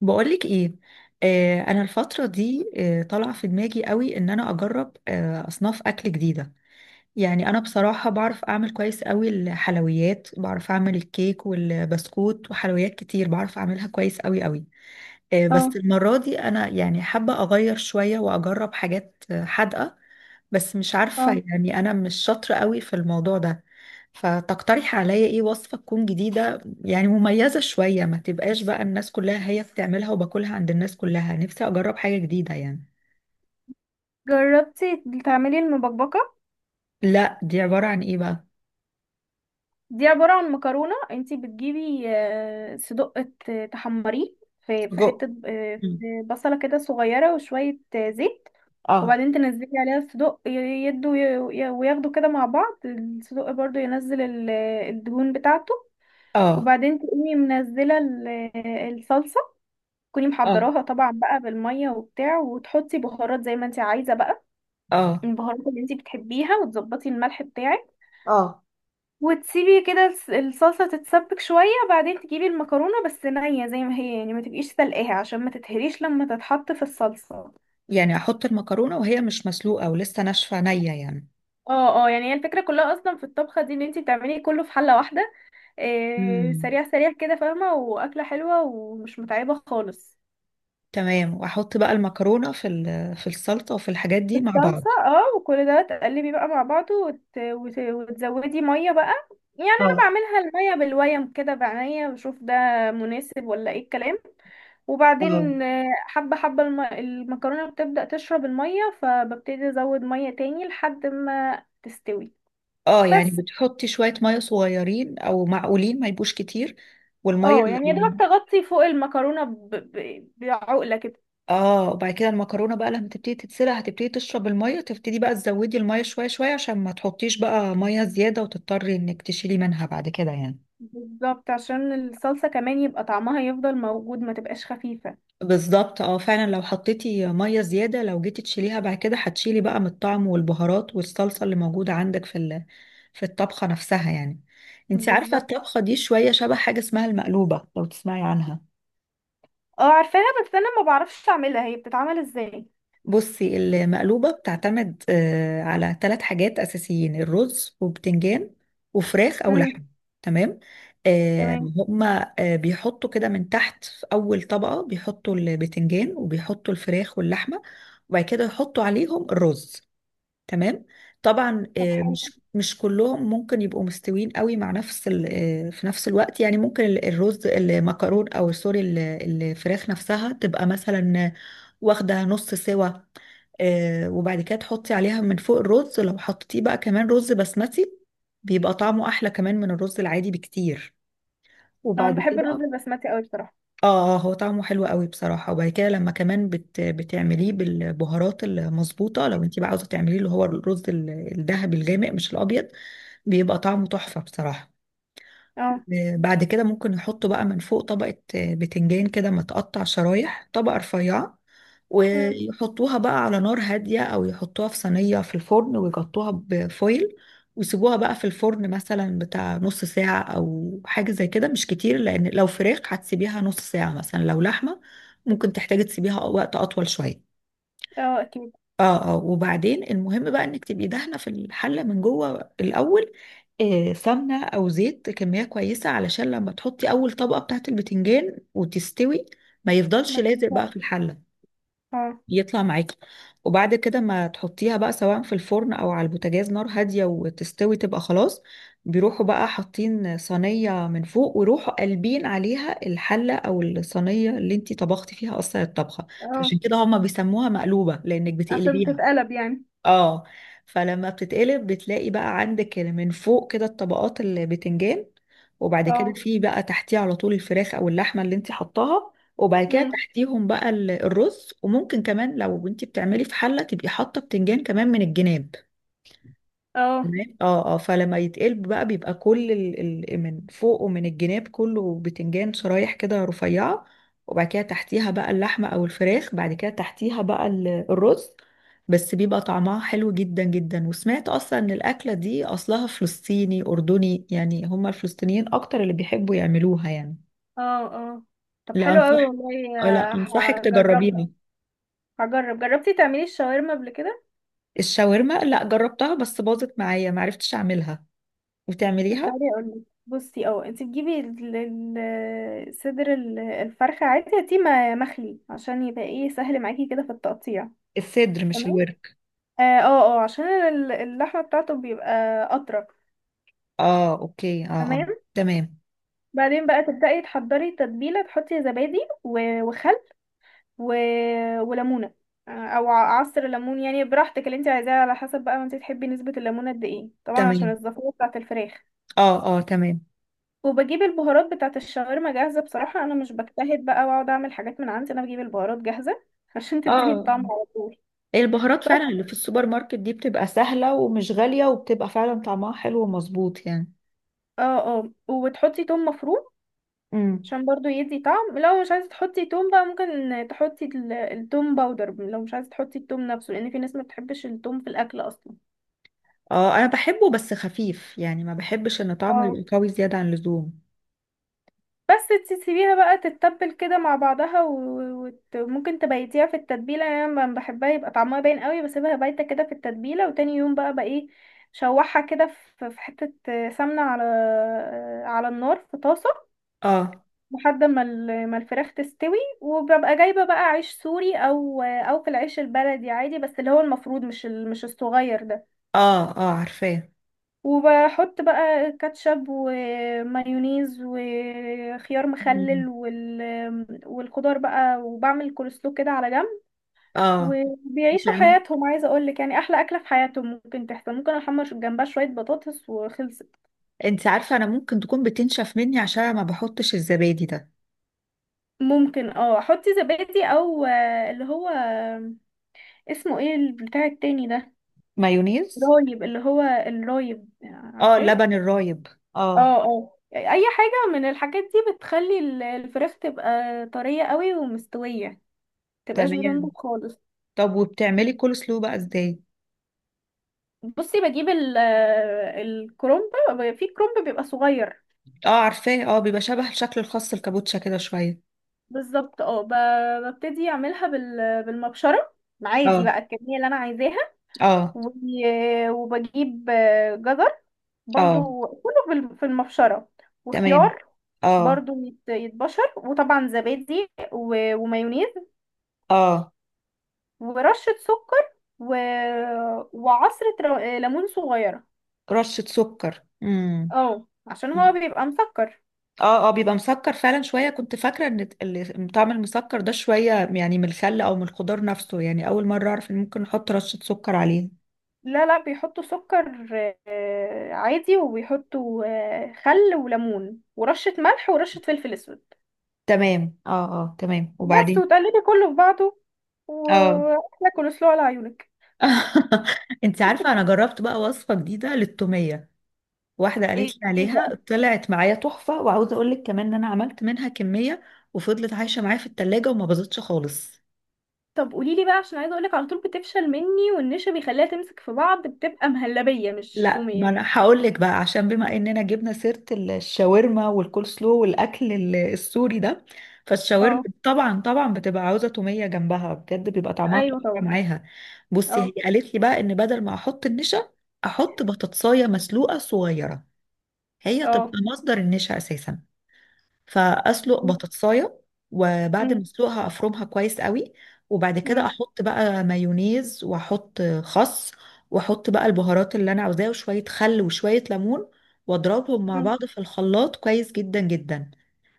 بقولك ايه؟ انا الفتره دي طالعه في دماغي قوي ان انا اجرب اصناف اكل جديده. يعني انا بصراحه بعرف اعمل كويس قوي الحلويات، بعرف اعمل الكيك والبسكوت وحلويات كتير، بعرف اعملها كويس قوي قوي. بس اه، المرة دي أنا يعني حابة أغير شوية وأجرب حاجات حادقة. بس مش عارفة، اه. يعني أنا مش شاطرة قوي في الموضوع ده. فتقترح عليا إيه وصفة تكون جديدة يعني، مميزة شوية، ما تبقاش بقى الناس كلها هي بتعملها وباكلها عند الناس كلها. نفسي أجرب حاجة جديدة يعني. جربتي تعملي المبكبكة؟ لا، دي عبارة عن إيه بقى؟ دي عبارة عن مكرونة. انتي بتجيبي صدق، تحمريه في سجق. حتة، مم. في بصلة كده صغيرة وشوية زيت. اه. وبعدين تنزلي عليها الصدق، يدوا، وياخدوا كده مع بعض. الصدق برضو ينزل الدهون بتاعته. اه. وبعدين تقومي منزلة الصلصة، تكوني اه. محضراها طبعا بقى بالمية وبتاع، وتحطي بهارات زي ما انتي عايزة بقى، اه. البهارات اللي انتي بتحبيها، وتظبطي الملح بتاعك، اه، وتسيبي كده الصلصة تتسبك شوية. بعدين تجيبي المكرونة بس نية زي ما هي، يعني ما تبقيش سلقاها عشان ما تتهريش لما تتحط في الصلصة. يعني أحط المكرونة وهي مش مسلوقة ولسه ناشفة نية يعني؟ اه، اه، يعني هي الفكرة كلها اصلا في الطبخة دي ان انتي بتعملي كله في حلة واحدة، إيه، مم. سريع سريع كده، فاهمة؟ واكلة حلوة ومش متعبة خالص. تمام، واحط بقى المكرونه في في السلطه وفي الحاجات دي مع بعض. الصلصة، اه، وكل ده تقلبي بقى مع بعضه، وتزودي مية بقى. يعني انا اه. بعملها المية بالويم كده بعناية، بشوف ده مناسب ولا ايه الكلام. اه. وبعدين حبة حبة المكرونة بتبدأ تشرب المية، فببتدي أزود مية تاني لحد ما تستوي اه، يعني بس. بتحطي شويه ميه صغيرين او معقولين، ما يبقوش كتير. والميه اه يعني يا اللي- دوبك تغطي فوق المكرونة بعقلة كده. اه، وبعد كده المكرونه بقى لما تبتدي تتسلق هتبتدي تشرب الميه، تبتدي بقى تزودي الميه شويه شويه عشان ما تحطيش بقى ميه زياده وتضطري انك تشيلي منها بعد كده يعني. بالظبط، عشان الصلصة كمان يبقى طعمها يفضل موجود، ما تبقاش خفيفة. بالظبط اه، فعلا لو حطيتي ميه زياده لو جيتي تشيليها بعد كده هتشيلي بقى من الطعم والبهارات والصلصه اللي موجوده عندك في في الطبخه نفسها يعني. انت عارفه بالظبط. الطبخه دي شويه شبه حاجه اسمها المقلوبه، لو تسمعي عنها. اه عارفاها، بس انا ما بعرفش اعملها. هي بتتعمل ازاي؟ بصي، المقلوبة بتعتمد على ثلاث حاجات أساسيين: الرز وبتنجان وفراخ أو امم. لحم. تمام. آه، تمام. هما بيحطوا كده من تحت في أول طبقة بيحطوا البتنجان وبيحطوا الفراخ واللحمة، وبعد كده يحطوا عليهم الرز. تمام. طبعا طب حلو. مش كلهم ممكن يبقوا مستويين قوي مع نفس في نفس الوقت يعني. ممكن الرز المكرون او سوري الفراخ نفسها تبقى مثلا واخده نص سوا. وبعد كده تحطي عليها من فوق الرز، لو حطيتيه بقى كمان رز بسمتي بيبقى طعمه احلى كمان من الرز العادي بكتير. اه انا وبعد بحب الرز كده البسمتي قوي بصراحة. اه، هو طعمه حلو قوي بصراحة، وبعد كده لما كمان بتعمليه بالبهارات المظبوطة لو انت بقى عاوزة تعمليه اللي هو الرز الذهبي الغامق، مش الأبيض، بيبقى طعمه تحفة بصراحة. اه. بعد كده ممكن نحطه بقى من فوق طبقة بتنجان كده متقطع شرايح، طبقة رفيعة. امم. ويحطوها بقى على نار هادية أو يحطوها في صينية في الفرن ويغطوها بفويل، ويسيبوها بقى في الفرن مثلا بتاع نص ساعة أو حاجة زي كده، مش كتير. لأن لو فراخ هتسيبيها نص ساعة مثلا، لو لحمة ممكن تحتاجي تسيبيها وقت أطول شوية. اه اكيد. اه اه، وبعدين المهم بقى انك تبقي دهنه في الحله من جوه الاول سمنة أو زيت، كمية كويسة، علشان لما تحطي أول طبقة بتاعة البتنجان وتستوي ما يفضلش ما لازق بقى في تبدأش. الحلة اه، يطلع معاكي. وبعد كده ما تحطيها بقى سواء في الفرن أو على البوتاجاز، نار هادية، وتستوي تبقى خلاص. بيروحوا بقى حاطين صينية من فوق ويروحوا قلبين عليها الحلة أو الصينية اللي انتي طبختي فيها أصلا الطبخة. اه، فعشان كده هما بيسموها مقلوبة لأنك عشان بتقلبيها. بتتقلب يعني. اه. فلما بتتقلب بتلاقي بقى عندك من فوق كده الطبقات، البتنجان، وبعد كده اه. في بقى تحتيه على طول الفراخ او اللحمه اللي انت حطاها، وبعد كده امم. تحتيهم بقى الرز. وممكن كمان لو انت بتعملي في حله تبقي حاطه بتنجان كمان من الجناب. اه. تمام اه اه. فلما يتقلب بقى بيبقى كل من فوق ومن الجناب كله بتنجان شرايح كده رفيعة، وبعد كده تحتيها بقى اللحمة أو الفراخ، بعد كده تحتيها بقى الرز. بس بيبقى طعمها حلو جدا جدا. وسمعت أصلا إن الأكلة دي أصلها فلسطيني أردني يعني، هما الفلسطينيين أكتر اللي بيحبوا يعملوها يعني. اه. اه. طب لا حلو أنصح قوي والله. لا آه، أنصحك هجربها، تجربيها. هجرب. جربتي تعملي الشاورما قبل كده؟ الشاورما، لا جربتها بس باظت معايا، معرفتش أعملها طب وتعمليها. تعالي اقول لك. بصي، اه، انت تجيبي ال صدر، الفرخه عادي، هاتيه مخلي عشان يبقى ايه، سهل معاكي كده في التقطيع. الصدر مش تمام. الورك. اه، اه، عشان اللحمه بتاعته بيبقى اطرى. اه اوكي اه اه. تمام. تمام. بعدين بقى تبدأي تحضري التتبيله. تحطي زبادي، وخل، و... وليمونه، او عصر ليمون، يعني براحتك اللي انت عايزاه، على حسب بقى ما انت تحبي نسبه الليمون قد ايه، طبعا عشان تمام الزفاره بتاعه الفراخ. اه اه تمام. وبجيب البهارات بتاعه الشاورما جاهزه، بصراحه انا مش بجتهد بقى واقعد اعمل حاجات من عندي، انا بجيب البهارات جاهزه عشان تديني اه. الطعم على طول. البهارات فعلا بس. اللي في السوبر ماركت دي بتبقى سهلة ومش غالية وبتبقى فعلا طعمها حلو ومظبوط يعني. اه، اه، وتحطي توم مفروم امم. عشان برضو يدي طعم. لو مش عايزه تحطي توم بقى، ممكن تحطي التوم باودر، لو مش عايزه تحطي التوم نفسه، لان في ناس ما بتحبش التوم في الاكل اصلا. اه، انا بحبه بس خفيف يعني، ما بحبش ان طعمه اه. يبقى قوي زيادة عن اللزوم. بس تسيبيها بقى تتبل كده مع بعضها، وممكن تبيتيها في التتبيلة. يعني انا لما بحبها يبقى طعمها باين قوي، بسيبها بايتة كده في التتبيلة، وتاني يوم بقى ايه، شوحها كده في حتة سمنة على النار في طاسة اه لحد ما ما الفراخ تستوي. وببقى جايبة بقى عيش سوري، او في العيش البلدي عادي، بس اللي هو المفروض مش مش الصغير ده. اه. اه عارفاه. وبحط بقى كاتشب ومايونيز وخيار مم. مخلل والخضار بقى، وبعمل كولسلو كده على جنب. اه. وبيعيشوا بتعمل حياتهم. عايزه اقول لك يعني احلى اكله في حياتهم ممكن تحصل. ممكن احمر جنبها شويه بطاطس وخلصت. انت عارفة انا ممكن تكون بتنشف مني عشان أنا ما بحطش الزبادي ده. ممكن اه احط زبادي، او اللي هو، اسمه ايه البتاع التاني ده؟ مايونيز. رايب. اللي هو الرايب، اه، عارفاه. اللبن الرايب. اه. اه، اه، اي حاجه من الحاجات دي بتخلي الفراخ تبقى طريه قوي ومستويه، تبقاش بتنضج تمام، خالص. طب وبتعملي كول سلو بقى ازاي؟ بصي، بجيب الكرومب، في كرومب بيبقى صغير. اه عارفاه، اه بيبقى شبه الشكل الخاص الكابوتشا كده شوية. بالظبط، اه، ببتدي اعملها بالمبشره، عادي اه. بقى الكميه اللي انا عايزاها. اه. وبجيب جزر اه. برضو كله في المبشره، تمام. وخيار اه برضو يتبشر، وطبعا زبادي ومايونيز اه. ورشه سكر، و... وعصرة ليمون صغيره. رشة سكر. امم. اه عشان هو بيبقى مسكر. اه اه، بيبقى مسكر فعلا شوية، كنت فاكرة ان طعم المسكر ده شوية يعني من الخل او من الخضار نفسه يعني، اول مرة اعرف ان ممكن نحط رشة سكر عليه. لا، لا، بيحطوا سكر عادي، وبيحطوا خل وليمون ورشة ملح ورشة فلفل اسود. تمام اه. اه تمام بس، وبعدين. وتقلبي كله في بعضه، اه. واحلى كولسلو على عيونك. انت عارفة انا جربت بقى وصفة جديدة للتومية، واحدة قالت ايه؟ لي إيه عليها بقى؟ طلعت معايا تحفة، وعاوزة اقول لك كمان ان انا عملت منها كمية وفضلت عايشة معايا في التلاجة وما باظتش خالص. طب قولي لي بقى، عشان عايزه اقولك على طول بتفشل مني، والنشا بيخليها تمسك في بعض، بتبقى مهلبيه مش لا، ما توميه. انا هقول لك بقى عشان بما اننا جبنا سيرة الشاورما والكول سلو والاكل السوري ده، فالشاورما اه طبعا طبعا بتبقى عاوزة تومية جنبها، بجد بيبقى طعمها ايوه تحفة طبعا. معاها. بصي هي اه، قالت لي بقى ان بدل ما احط النشا احط بطاطساية مسلوقة صغيرة، هي تبقى اه. مصدر النشا اساسا. فاسلق بطاطسايه وبعد ما مم، اسلقها افرمها كويس قوي، وبعد كده مم، احط بقى مايونيز واحط خس، واحط بقى البهارات اللي انا عاوزاها وشويه خل وشويه ليمون، واضربهم مع مم، بعض في الخلاط كويس جدا جدا.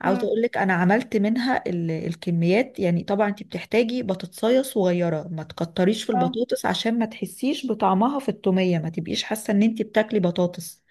عاوزه مم، اقول لك انا عملت منها الكميات يعني. طبعا انت بتحتاجي بطاطسايه صغيره، ما تكتريش في اه، البطاطس عشان ما تحسيش بطعمها في التوميه، ما تبقيش حاسه ان انت بتاكلي بطاطس.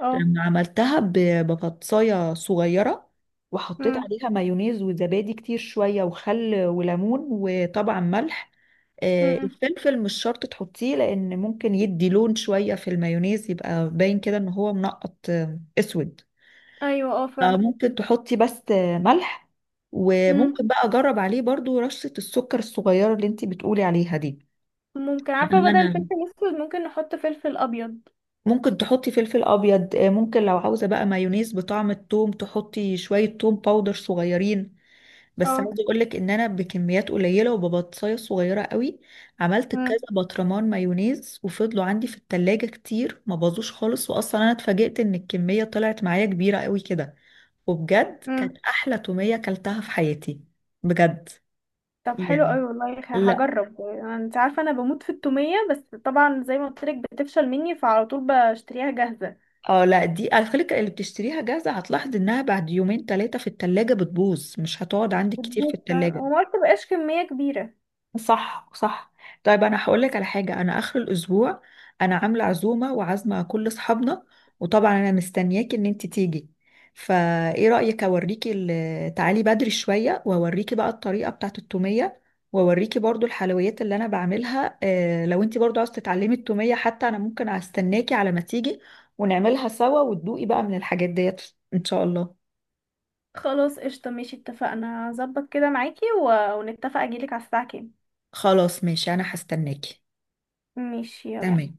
اه، لما عملتها ببطايه صغيره وحطيت مم. عليها مايونيز وزبادي كتير شويه وخل وليمون وطبعا ملح. مم. الفلفل مش شرط تحطيه لان ممكن يدي لون شويه في المايونيز، يبقى باين كده ان هو منقط اسود. ايوه اه فعلا. فممكن تحطي بس ملح، وممكن بقى اجرب عليه برضو رشة السكر الصغيرة اللي انتي بتقولي عليها دي. ممكن، عارفة يعني بدل انا الفلفل الأسود ممكن نحط فلفل أبيض. ممكن تحطي فلفل ابيض ممكن لو عاوزه بقى مايونيز بطعم التوم تحطي شويه توم باودر صغيرين. بس اه. عاوزه اقول لك ان انا بكميات قليله وببطايه صغيره قوي عملت كذا مم. برطمان مايونيز وفضلوا عندي في التلاجة كتير ما باظوش خالص، واصلا انا اتفاجئت ان الكميه طلعت معايا كبيره قوي كده. وبجد كانت مم. احلى توميه اكلتها في حياتي، بجد. طب حلو يعني أوي والله، لا، هجرب. يعني انت عارفة أنا بموت في التومية، بس طبعا زي ما قلتلك بتفشل مني، فعلى طول بشتريها جاهزة. اه لا، دي على فكرة اللي بتشتريها جاهزة هتلاحظ انها بعد يومين ثلاثة في التلاجة بتبوظ، مش هتقعد عندك كتير في بتبوظ فعلاً. التلاجة. وما تبقاش كمية كبيرة. صح صح. طيب انا هقول لك على حاجه. انا اخر الاسبوع انا عامله عزومه وعازمه كل اصحابنا، وطبعا انا مستنياكي ان انت تيجي. فايه رايك اوريكي تعالي بدري شويه واوريكي بقى الطريقه بتاعه التوميه، واوريكي برضو الحلويات اللي انا بعملها. لو انت برضو عاوزه تتعلمي التوميه حتى انا ممكن استناكي على ما تيجي ونعملها سوا وتدوقي بقى من الحاجات ديت، ان شاء الله. خلاص قشطة، ماشي، اتفقنا. هظبط كده معاكي ونتفق أجيلك على الساعة كام. خلاص، ماشي، انا هستناكي. ماشي يلا. تمام.